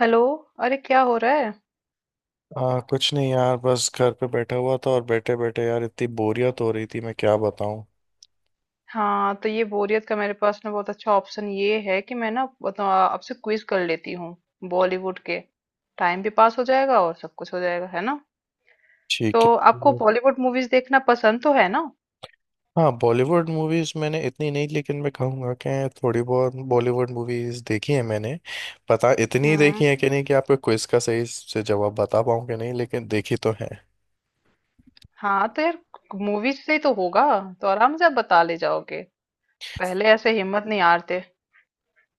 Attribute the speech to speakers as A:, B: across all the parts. A: Hello. अरे क्या हो रहा है?
B: कुछ नहीं यार बस घर पे बैठा हुआ था और बैठे बैठे यार इतनी बोरियत हो रही थी, मैं क्या बताऊं।
A: हाँ तो ये बोरियत का मेरे पास ना बहुत अच्छा ऑप्शन ये है कि मैं ना आपसे क्विज कर लेती हूँ। बॉलीवुड के। टाइम भी पास हो जाएगा और सब कुछ हो जाएगा, है ना? तो
B: ठीक है।
A: आपको
B: वो-
A: बॉलीवुड मूवीज देखना पसंद तो है ना?
B: हाँ बॉलीवुड मूवीज मैंने इतनी नहीं, लेकिन मैं कहूँगा कि थोड़ी बहुत बॉलीवुड मूवीज देखी है मैंने। पता इतनी
A: हम्म।
B: देखी है कि नहीं कि आपको क्विज का सही से जवाब बता पाऊँ कि नहीं, लेकिन देखी तो है।
A: हाँ तो यार, मूवीज से ही तो होगा। तो आराम से आप बता ले जाओगे। पहले ऐसे हिम्मत नहीं हारते,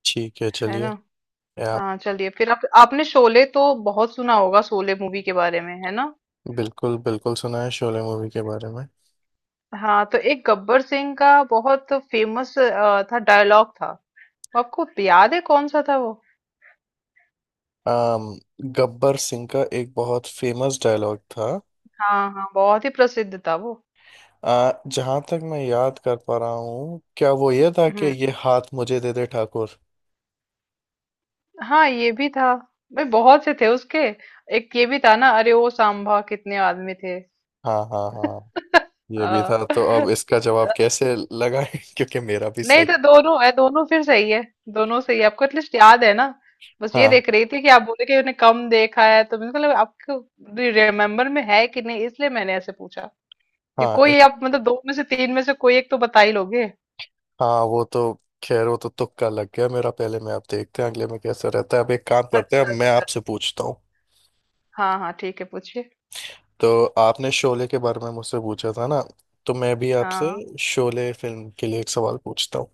B: ठीक है,
A: है
B: चलिए।
A: ना?
B: ये आप।
A: हाँ चलिए फिर आप आपने शोले तो बहुत सुना होगा, शोले मूवी के बारे में, है ना?
B: बिल्कुल बिल्कुल, सुना है शोले मूवी के बारे में।
A: हाँ तो एक गब्बर सिंह का बहुत फेमस था डायलॉग था। आपको याद है कौन सा था वो?
B: अम गब्बर सिंह का एक बहुत फेमस डायलॉग था।
A: हाँ, हाँ, बहुत ही प्रसिद्ध था वो।
B: जहां तक मैं याद कर पा रहा हूँ, क्या वो ये था कि
A: हम्म।
B: ये हाथ मुझे दे दे ठाकुर।
A: हाँ, ये भी था। भाई, बहुत से थे उसके। एक ये भी था ना, अरे ओ सांभा कितने आदमी थे।
B: हाँ हाँ हाँ, ये भी
A: हाँ।
B: था, तो अब इसका जवाब कैसे लगाए क्योंकि मेरा भी
A: नहीं
B: सही।
A: तो दोनों है, दोनों फिर सही है। दोनों सही है, आपको एटलीस्ट याद है ना? बस ये
B: हाँ
A: देख रही थी कि आप बोले कि उन्हें कम देखा है, तो मुझे लगा आपको रिमेम्बर में है कि नहीं, इसलिए मैंने ऐसे पूछा। ये
B: हाँ।
A: कोई आप मतलब दो में से तीन में से कोई एक तो बता ही लोगे।
B: हाँ वो तो। खैर वो तो तुक्का लग गया मेरा पहले में। आप देखते हैं अगले में कैसा रहता है। अब एक काम करते हैं,
A: अच्छा,
B: अब मैं
A: अच्छा।
B: आपसे पूछता हूँ।
A: हाँ, हाँ, ठीक है, पूछिए।
B: तो आपने शोले के बारे में मुझसे पूछा था ना, तो मैं भी आपसे
A: हाँ,
B: शोले फिल्म के लिए एक सवाल पूछता हूँ।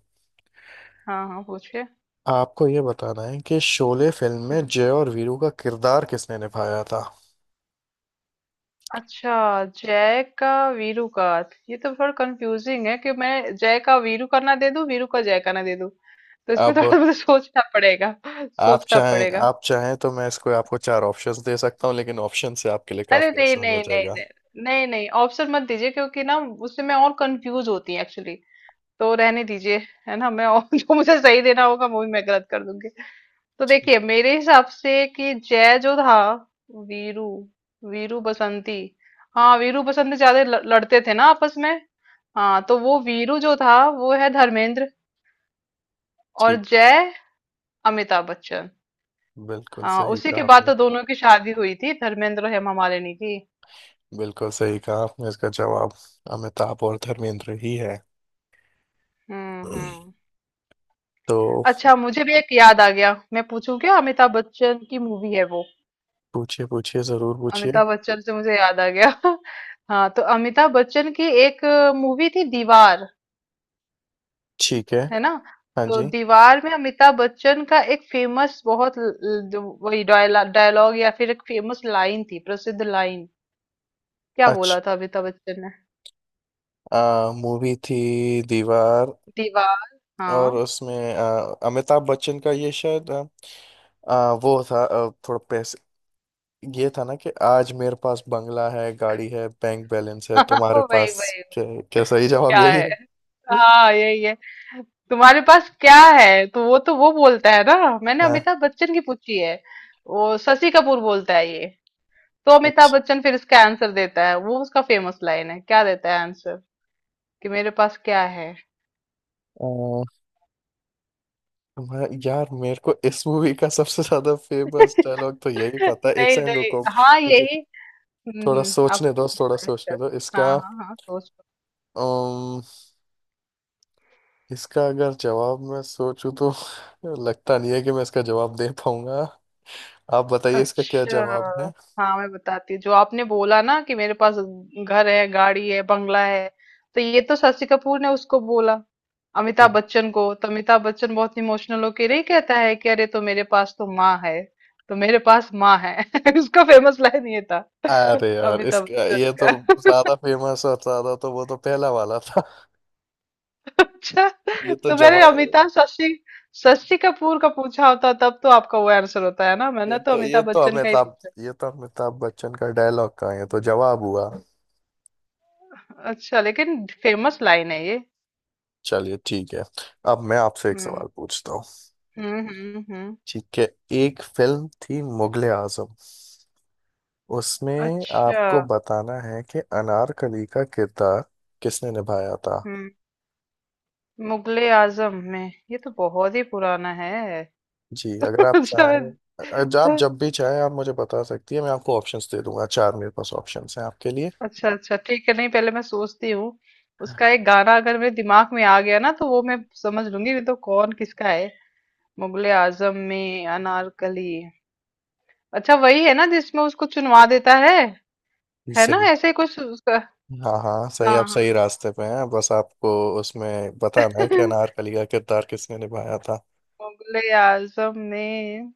A: हाँ, हाँ, पूछिए।
B: आपको ये बताना है कि शोले फिल्म में
A: हम्म,
B: जय और वीरू का किरदार किसने निभाया था।
A: अच्छा, जय का, वीरू का। ये तो थोड़ा कंफ्यूजिंग है कि मैं जय का वीरू का ना दे दूं, वीरू का जय का ना दे दूं। तो इसमें
B: अब
A: थोड़ा मुझे सोचना पड़ेगा।
B: आप
A: सोचना
B: चाहें,
A: पड़ेगा।
B: आप चाहें तो मैं इसको आपको चार ऑप्शंस दे सकता हूँ, लेकिन ऑप्शन से आपके लिए
A: अरे
B: काफी
A: नहीं,
B: आसान हो
A: नहीं, नहीं,
B: जाएगा।
A: नहीं। नहीं, नहीं, ऑप्शन मत दीजिए क्योंकि ना। उससे मैं और कंफ्यूज होती हूँ, एक्चुअली। तो रहने दीजिए। है ना, मैं और जो मुझे सही देना होगा वो भी मैं गलत कर दूंगी। तो
B: ठीक,
A: देखिए मेरे हिसाब से कि जय जो था। वीरू वीरू बसंती। हाँ वीरू बसंती ज्यादा लड़ते थे ना आपस में। हाँ तो वो वीरू जो था वो है धर्मेंद्र। और
B: ठीक।
A: जय अमिताभ बच्चन।
B: बिल्कुल
A: हाँ,
B: सही
A: उसी
B: कहा
A: के बाद
B: आपने।
A: तो दोनों की शादी हुई थी धर्मेंद्र और हेमा मालिनी की।
B: बिल्कुल सही कहा आपने, इसका जवाब अमिताभ और धर्मेंद्र ही है,
A: हम्म, हम्म।
B: तो।
A: अच्छा मुझे भी एक याद आ गया, मैं पूछूं क्या? अमिताभ बच्चन की मूवी है वो।
B: पूछिए, पूछिए, जरूर पूछिए।
A: अमिताभ बच्चन से मुझे याद आ गया। हाँ तो अमिताभ बच्चन की एक मूवी थी दीवार।
B: ठीक है।
A: है ना?
B: हाँ
A: तो
B: जी।
A: दीवार में अमिताभ बच्चन का एक फेमस बहुत जो वही डायलॉग या फिर एक फेमस लाइन थी, प्रसिद्ध लाइन। क्या बोला था अमिताभ बच्चन ने?
B: अच्छा मूवी थी दीवार।
A: दीवार।
B: और
A: हाँ।
B: उसमें अमिताभ बच्चन का ये, शायद आ, आ, वो था, थोड़ा ये था ना कि, आज मेरे पास बंगला है, गाड़ी है, बैंक बैलेंस है, तुम्हारे
A: वही,
B: पास
A: वही, वही।
B: क्या? क्या सही जवाब
A: क्या
B: यही
A: है?
B: है?
A: हाँ, यही है। तुम्हारे पास क्या? है, तो वो बोलता है ना। मैंने
B: हाँ,
A: अमिताभ बच्चन की पूछी है। वो शशि कपूर बोलता है ये। तो अमिताभ
B: अच्छा।
A: बच्चन फिर इसका आंसर देता है, वो उसका फेमस लाइन है, क्या देता है आंसर? कि मेरे पास क्या है?
B: अ, मैं यार, मेरे को इस मूवी का सबसे ज्यादा फेमस डायलॉग तो यही पता है, एक
A: नहीं,
B: सेकंड
A: नहीं।
B: रुको
A: हाँ,
B: मुझे।
A: यही। हुँ,
B: थोड़ा
A: हुँ। आप
B: सोचने दो, थोड़ा
A: रिवाइज़
B: सोचने
A: कर।
B: दो इसका।
A: हाँ, हाँ, हाँ, सोच लो।
B: अम, इसका अगर जवाब मैं सोचूं तो लगता नहीं है कि मैं इसका जवाब दे पाऊंगा। आप बताइए इसका क्या
A: अच्छा,
B: जवाब है।
A: हाँ, मैं बताती हूँ। जो आपने बोला ना कि मेरे पास घर है, गाड़ी है, बंगला है, तो ये तो शशि कपूर ने उसको बोला, अमिताभ बच्चन को। तो अमिताभ बच्चन बहुत इमोशनल होके नहीं कहता है कि अरे तो मेरे पास तो माँ है, तो मेरे पास माँ है। उसका फेमस लाइन ये था,
B: अरे यार,
A: अमिताभ
B: इसका
A: बच्चन
B: ये तो
A: का।
B: ज्यादा फेमस और ज्यादा, तो वो तो पहला वाला था।
A: अच्छा,
B: ये तो
A: तो मैंने
B: जवाब।
A: अमिताभ शशि शशि कपूर का पूछा होता तब तो आपका वो आंसर होता है ना,
B: ये
A: मैंने तो
B: तो ये
A: अमिताभ
B: तो
A: बच्चन का ही
B: अमिताभ
A: पूछा।
B: ये तो अमिताभ बच्चन का डायलॉग का है, ये तो जवाब हुआ।
A: अच्छा, लेकिन फेमस लाइन है ये।
B: चलिए, ठीक है। अब मैं आपसे एक
A: हम्म,
B: सवाल पूछता हूँ।
A: हम्म, हम्म, हम्म।
B: ठीक है। एक फिल्म थी मुगले आजम, उसमें
A: अच्छा।
B: आपको बताना है कि अनारकली का किरदार किसने निभाया था।
A: हम्म। मुगले आजम में? ये तो बहुत ही पुराना है।
B: जी, अगर आप चाहें।
A: शायद।
B: आप जब भी चाहें आप मुझे बता सकती है, मैं आपको ऑप्शंस दे दूंगा, चार मेरे पास ऑप्शंस हैं आपके लिए।
A: अच्छा, अच्छा, ठीक है, नहीं पहले मैं सोचती हूँ। उसका एक गाना अगर मेरे दिमाग में आ गया ना तो वो मैं समझ लूंगी, नहीं तो कौन किसका है। मुगले आजम में अनारकली। अच्छा वही है ना जिसमें उसको चुनवा देता है? है ना,
B: सही।
A: ऐसे कुछ उसका।
B: हाँ हाँ सही,
A: हाँ,
B: आप सही
A: हाँ।
B: रास्ते पे हैं, बस आपको उसमें बताना है कि अनारकली का किरदार किसने निभाया था।
A: मुगले आजम में।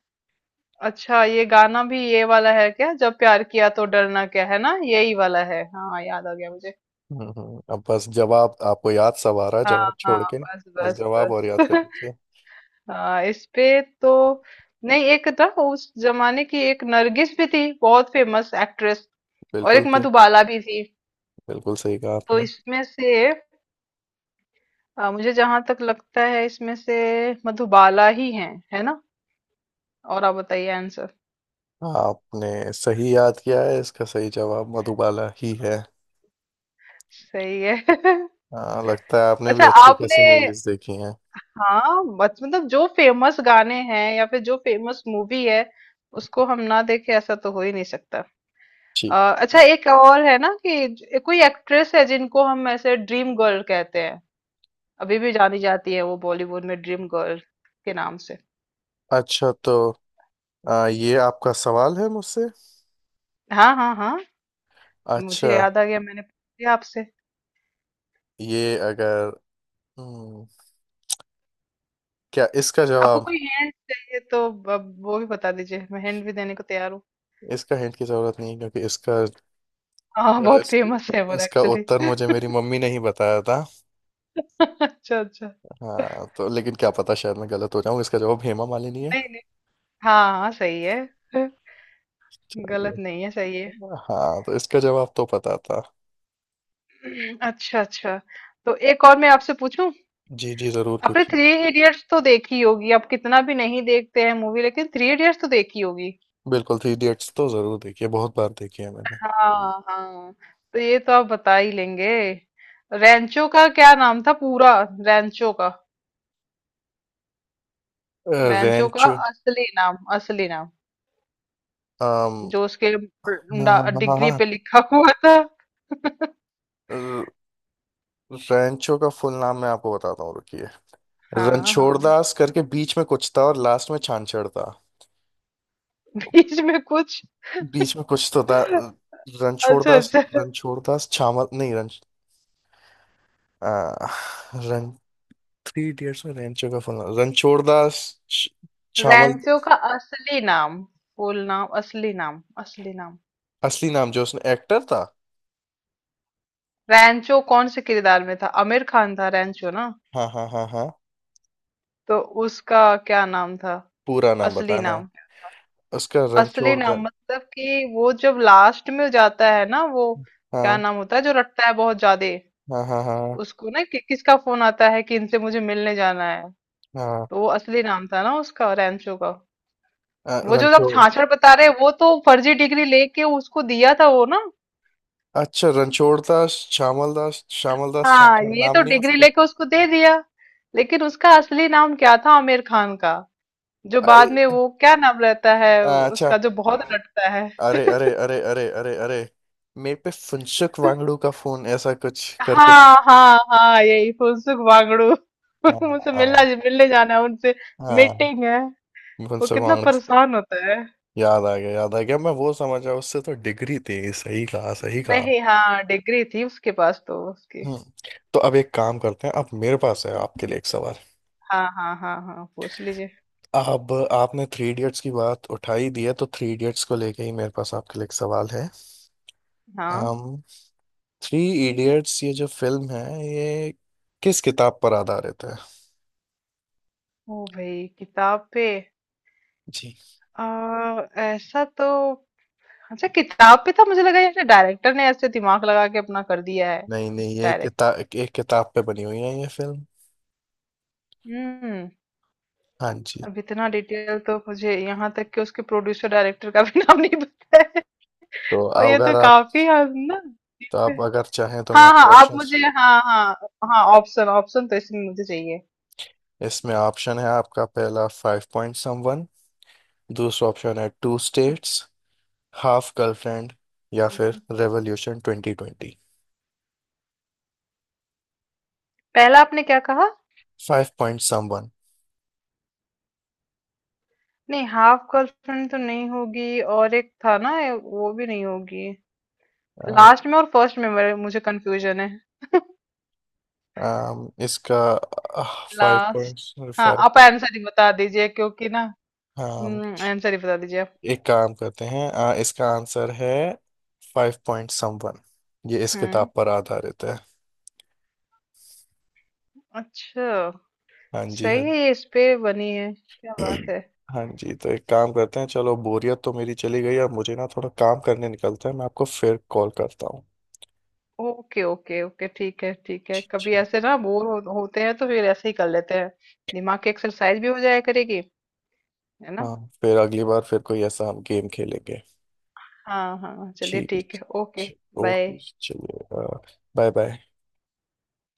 A: अच्छा, ये गाना भी ये वाला है क्या, जब प्यार किया तो डरना क्या, है ना? यही वाला है। हाँ, याद आ गया मुझे।
B: अब बस जवाब आपको याद सब आ रहा है,
A: हाँ,
B: जवाब
A: हाँ।
B: छोड़ के।
A: बस,
B: बस
A: बस,
B: जवाब और
A: बस।
B: याद कर दीजिए।
A: हाँ इस पे तो। नहीं एक था, उस जमाने की एक नरगिस भी थी, बहुत फेमस एक्ट्रेस। और
B: बिल्कुल
A: एक
B: तो।
A: मधुबाला भी थी।
B: बिल्कुल सही कहा
A: तो
B: आपने।
A: इसमें से। मुझे जहां तक लगता है इसमें से। मधुबाला ही है। है ना? और आप बताइए आंसर।
B: आपने सही याद किया है, इसका सही जवाब मधुबाला ही है।
A: सही है।
B: हाँ, लगता है आपने भी
A: अच्छा,
B: अच्छी
A: आपने।
B: खासी मूवीज देखी हैं।
A: हाँ मत, मतलब जो फेमस गाने हैं या फिर जो फेमस मूवी है, उसको हम ना देखे ऐसा तो हो ही नहीं सकता।
B: ठीक।
A: अ, अच्छा एक और है ना कि कोई एक्ट्रेस है जिनको हम ऐसे ड्रीम गर्ल कहते हैं। अभी भी जानी जाती है वो बॉलीवुड में ड्रीम गर्ल के नाम से।
B: अच्छा, तो ये आपका सवाल है मुझसे।
A: हाँ, हाँ, हाँ। मुझे
B: अच्छा
A: याद आ गया, मैंने पूछ लिया आपसे।
B: ये अगर। हम्म, क्या इसका
A: आपको
B: जवाब।
A: कोई हिंट चाहिए तो। अब वो भी बता दीजिए, मैं हिंट भी देने को तैयार हूँ।
B: इसका हिंट की जरूरत नहीं है, क्योंकि
A: हाँ बहुत
B: इस,
A: फेमस है वो
B: इसका
A: एक्चुअली।
B: उत्तर मुझे मेरी मम्मी ने ही बताया था।
A: अच्छा, अच्छा।
B: हाँ, तो लेकिन क्या पता, शायद मैं गलत हो जाऊं, इसका जवाब हेमा मालिनी है।
A: नहीं, नहीं, हाँ, हाँ, सही है।
B: चलिए।
A: गलत नहीं है, सही है।
B: हाँ, तो इसका जवाब तो पता था।
A: अच्छा, अच्छा। तो एक और मैं आपसे पूछूं।
B: जी जी, जरूर
A: आपने
B: पूछिए।
A: थ्री इडियट्स तो देखी होगी, आप कितना भी नहीं देखते हैं मूवी, लेकिन थ्री इडियट्स तो देखी होगी।
B: बिल्कुल, थ्री इडियट्स तो जरूर देखिए, बहुत बार देखी है मैंने।
A: हाँ, हाँ। तो ये तो आप बता ही लेंगे। रैंचो का क्या नाम था पूरा? रैंचो का। रैंचो का
B: रेंचो।
A: असली नाम, असली नाम। जो उसके डिग्री पे लिखा हुआ था।
B: रेंचो का फुल नाम मैं आपको बताता हूँ, रुकिए।
A: हाँ, हाँ।
B: रणछोड़दास करके बीच में कुछ था, और लास्ट में छानछड़ था।
A: बीच में कुछ।
B: बीच में कुछ तो था। रणछोड़
A: अच्छा,
B: दास,
A: अच्छा।
B: रणछोड़ दास छामल, नहीं रन। आ, रन। थ्री इडियट्स में रेंचो का फोन रणछोड़ दास छ- छामल।
A: रैंचो का असली नाम, फुल नाम, असली नाम, असली नाम।
B: असली नाम जो उसने एक्टर था।
A: रैंचो कौन से किरदार में था? आमिर खान था रैंचो ना?
B: हाँ हाँ हाँ हाँ।
A: तो उसका क्या नाम था?
B: पूरा नाम
A: असली
B: बताना
A: नाम।
B: उसका
A: असली
B: रणछोड़
A: नाम
B: दास।
A: मतलब कि वो जब लास्ट में जाता है ना वो, क्या
B: हाँ
A: नाम होता है जो रटता है बहुत ज्यादा?
B: हाँ हाँ हाँ
A: उसको ना कि, किसका फोन आता है कि इनसे मुझे मिलने जाना है।
B: हाँ।
A: तो वो असली नाम था ना उसका रैंचो का। वो जो आप
B: रणछोड़।
A: छाछड़ बता रहे हैं, वो तो फर्जी डिग्री लेके उसको दिया था वो ना।
B: अच्छा रणछोड़ दास श्यामल दास, श्यामल दास
A: हाँ
B: छाछड़
A: ये
B: नाम
A: तो
B: नहीं है
A: डिग्री
B: उसके।
A: लेके उसको दे दिया। लेकिन उसका असली नाम क्या था आमिर खान का? जो बाद में
B: अरे,
A: वो क्या नाम रहता है
B: अच्छा।
A: उसका, जो बहुत रटता है।
B: अरे अरे अरे अरे अरे अरे। मेरे पे फुनसुक वांगड़ू का फोन, ऐसा कुछ करके।
A: हाँ, हाँ, हाँ, यही फुनसुक वांगड़ू।
B: हाँ
A: मुझसे मिलना
B: हाँ
A: मिलने जाना है उनसे।
B: हाँ,
A: मीटिंग है। वो
B: मुंसो
A: कितना
B: कांग्रेस।
A: परेशान होता है।
B: याद आ गया, याद आ गया, मैं वो समझा उससे तो डिग्री थी, सही कहा, सही कहा।
A: नहीं हाँ, डिग्री थी उसके पास तो, उसकी।
B: हम्म। तो अब एक काम करते हैं, अब मेरे पास है आपके लिए एक सवाल।
A: हाँ, हाँ, हाँ, हाँ, पूछ लीजिए।
B: अब आपने थ्री इडियट्स की बात उठाई दी है, तो थ्री इडियट्स को लेके ही मेरे पास आपके लिए एक सवाल है।
A: हाँ।
B: um, थ्री इडियट्स ये जो फिल्म है, ये किस किताब पर आधारित है?
A: ओ भाई, किताब पे?
B: जी।
A: आ, ऐसा तो। अच्छा, किताब पे था, मुझे लगा यार डायरेक्टर ने ऐसे दिमाग लगा के अपना कर दिया है।
B: नहीं नहीं, ये
A: डायरेक्ट।
B: किताब, एक किताब पे बनी हुई है ये फिल्म।
A: हम्म।
B: हाँ जी।
A: अब इतना डिटेल तो मुझे, यहाँ तक कि उसके प्रोड्यूसर डायरेक्टर का भी नाम नहीं पता है।
B: तो
A: और ये
B: अगर
A: तो
B: आप
A: काफी हद ना।
B: तो आप अगर चाहें तो मैं
A: हाँ, हाँ,
B: आपको
A: आप
B: ऑप्शन।
A: मुझे, हाँ, हाँ। हाँ, ऑप्शन, ऑप्शन तो इसमें मुझे चाहिए।
B: इसमें ऑप्शन है आपका, पहला फाइव पॉइंट समवन। दूसरा ऑप्शन है टू स्टेट्स। Half girlfriend. या फिर
A: हम्म,
B: रेवोल्यूशन 2020।
A: पहला आपने क्या कहा?
B: Five point someone.
A: नहीं हाफ गर्लफ्रेंड तो नहीं होगी, और एक था ना, वो भी नहीं होगी। लास्ट में और फर्स्ट में मुझे कंफ्यूजन है।
B: इसका फाइव
A: लास्ट।
B: पॉइंट
A: हाँ
B: फाइव।
A: आप आंसर ही बता दीजिए क्योंकि ना।
B: हाँ।
A: हम्म, आंसर ही बता दीजिए आप।
B: एक काम करते हैं, इसका आंसर है फाइव पॉइंट समवन। ये इस
A: हम्म।
B: किताब पर आधारित है।
A: अच्छा।
B: हाँ जी
A: सही
B: हाँ।
A: है, ये इस पे बनी है, क्या बात है।
B: हाँ जी, तो एक काम करते हैं, चलो बोरियत तो मेरी चली गई, अब मुझे ना थोड़ा काम करने निकलता है, मैं आपको फिर कॉल करता हूँ।
A: ओके, ओके, ओके, ठीक है, ठीक है,
B: ठीक
A: कभी
B: ठीक।
A: ऐसे ना बोर हो, होते हैं तो फिर ऐसे ही कर लेते हैं। दिमाग की एक्सरसाइज भी हो जाया करेगी। है ना?
B: हाँ, फिर अगली बार फिर कोई ऐसा हम गेम खेलेंगे।
A: हाँ, हाँ, चलिए,
B: ठीक
A: ठीक है, ओके,
B: है, ओके,
A: बाय।
B: चलिए। Bye bye.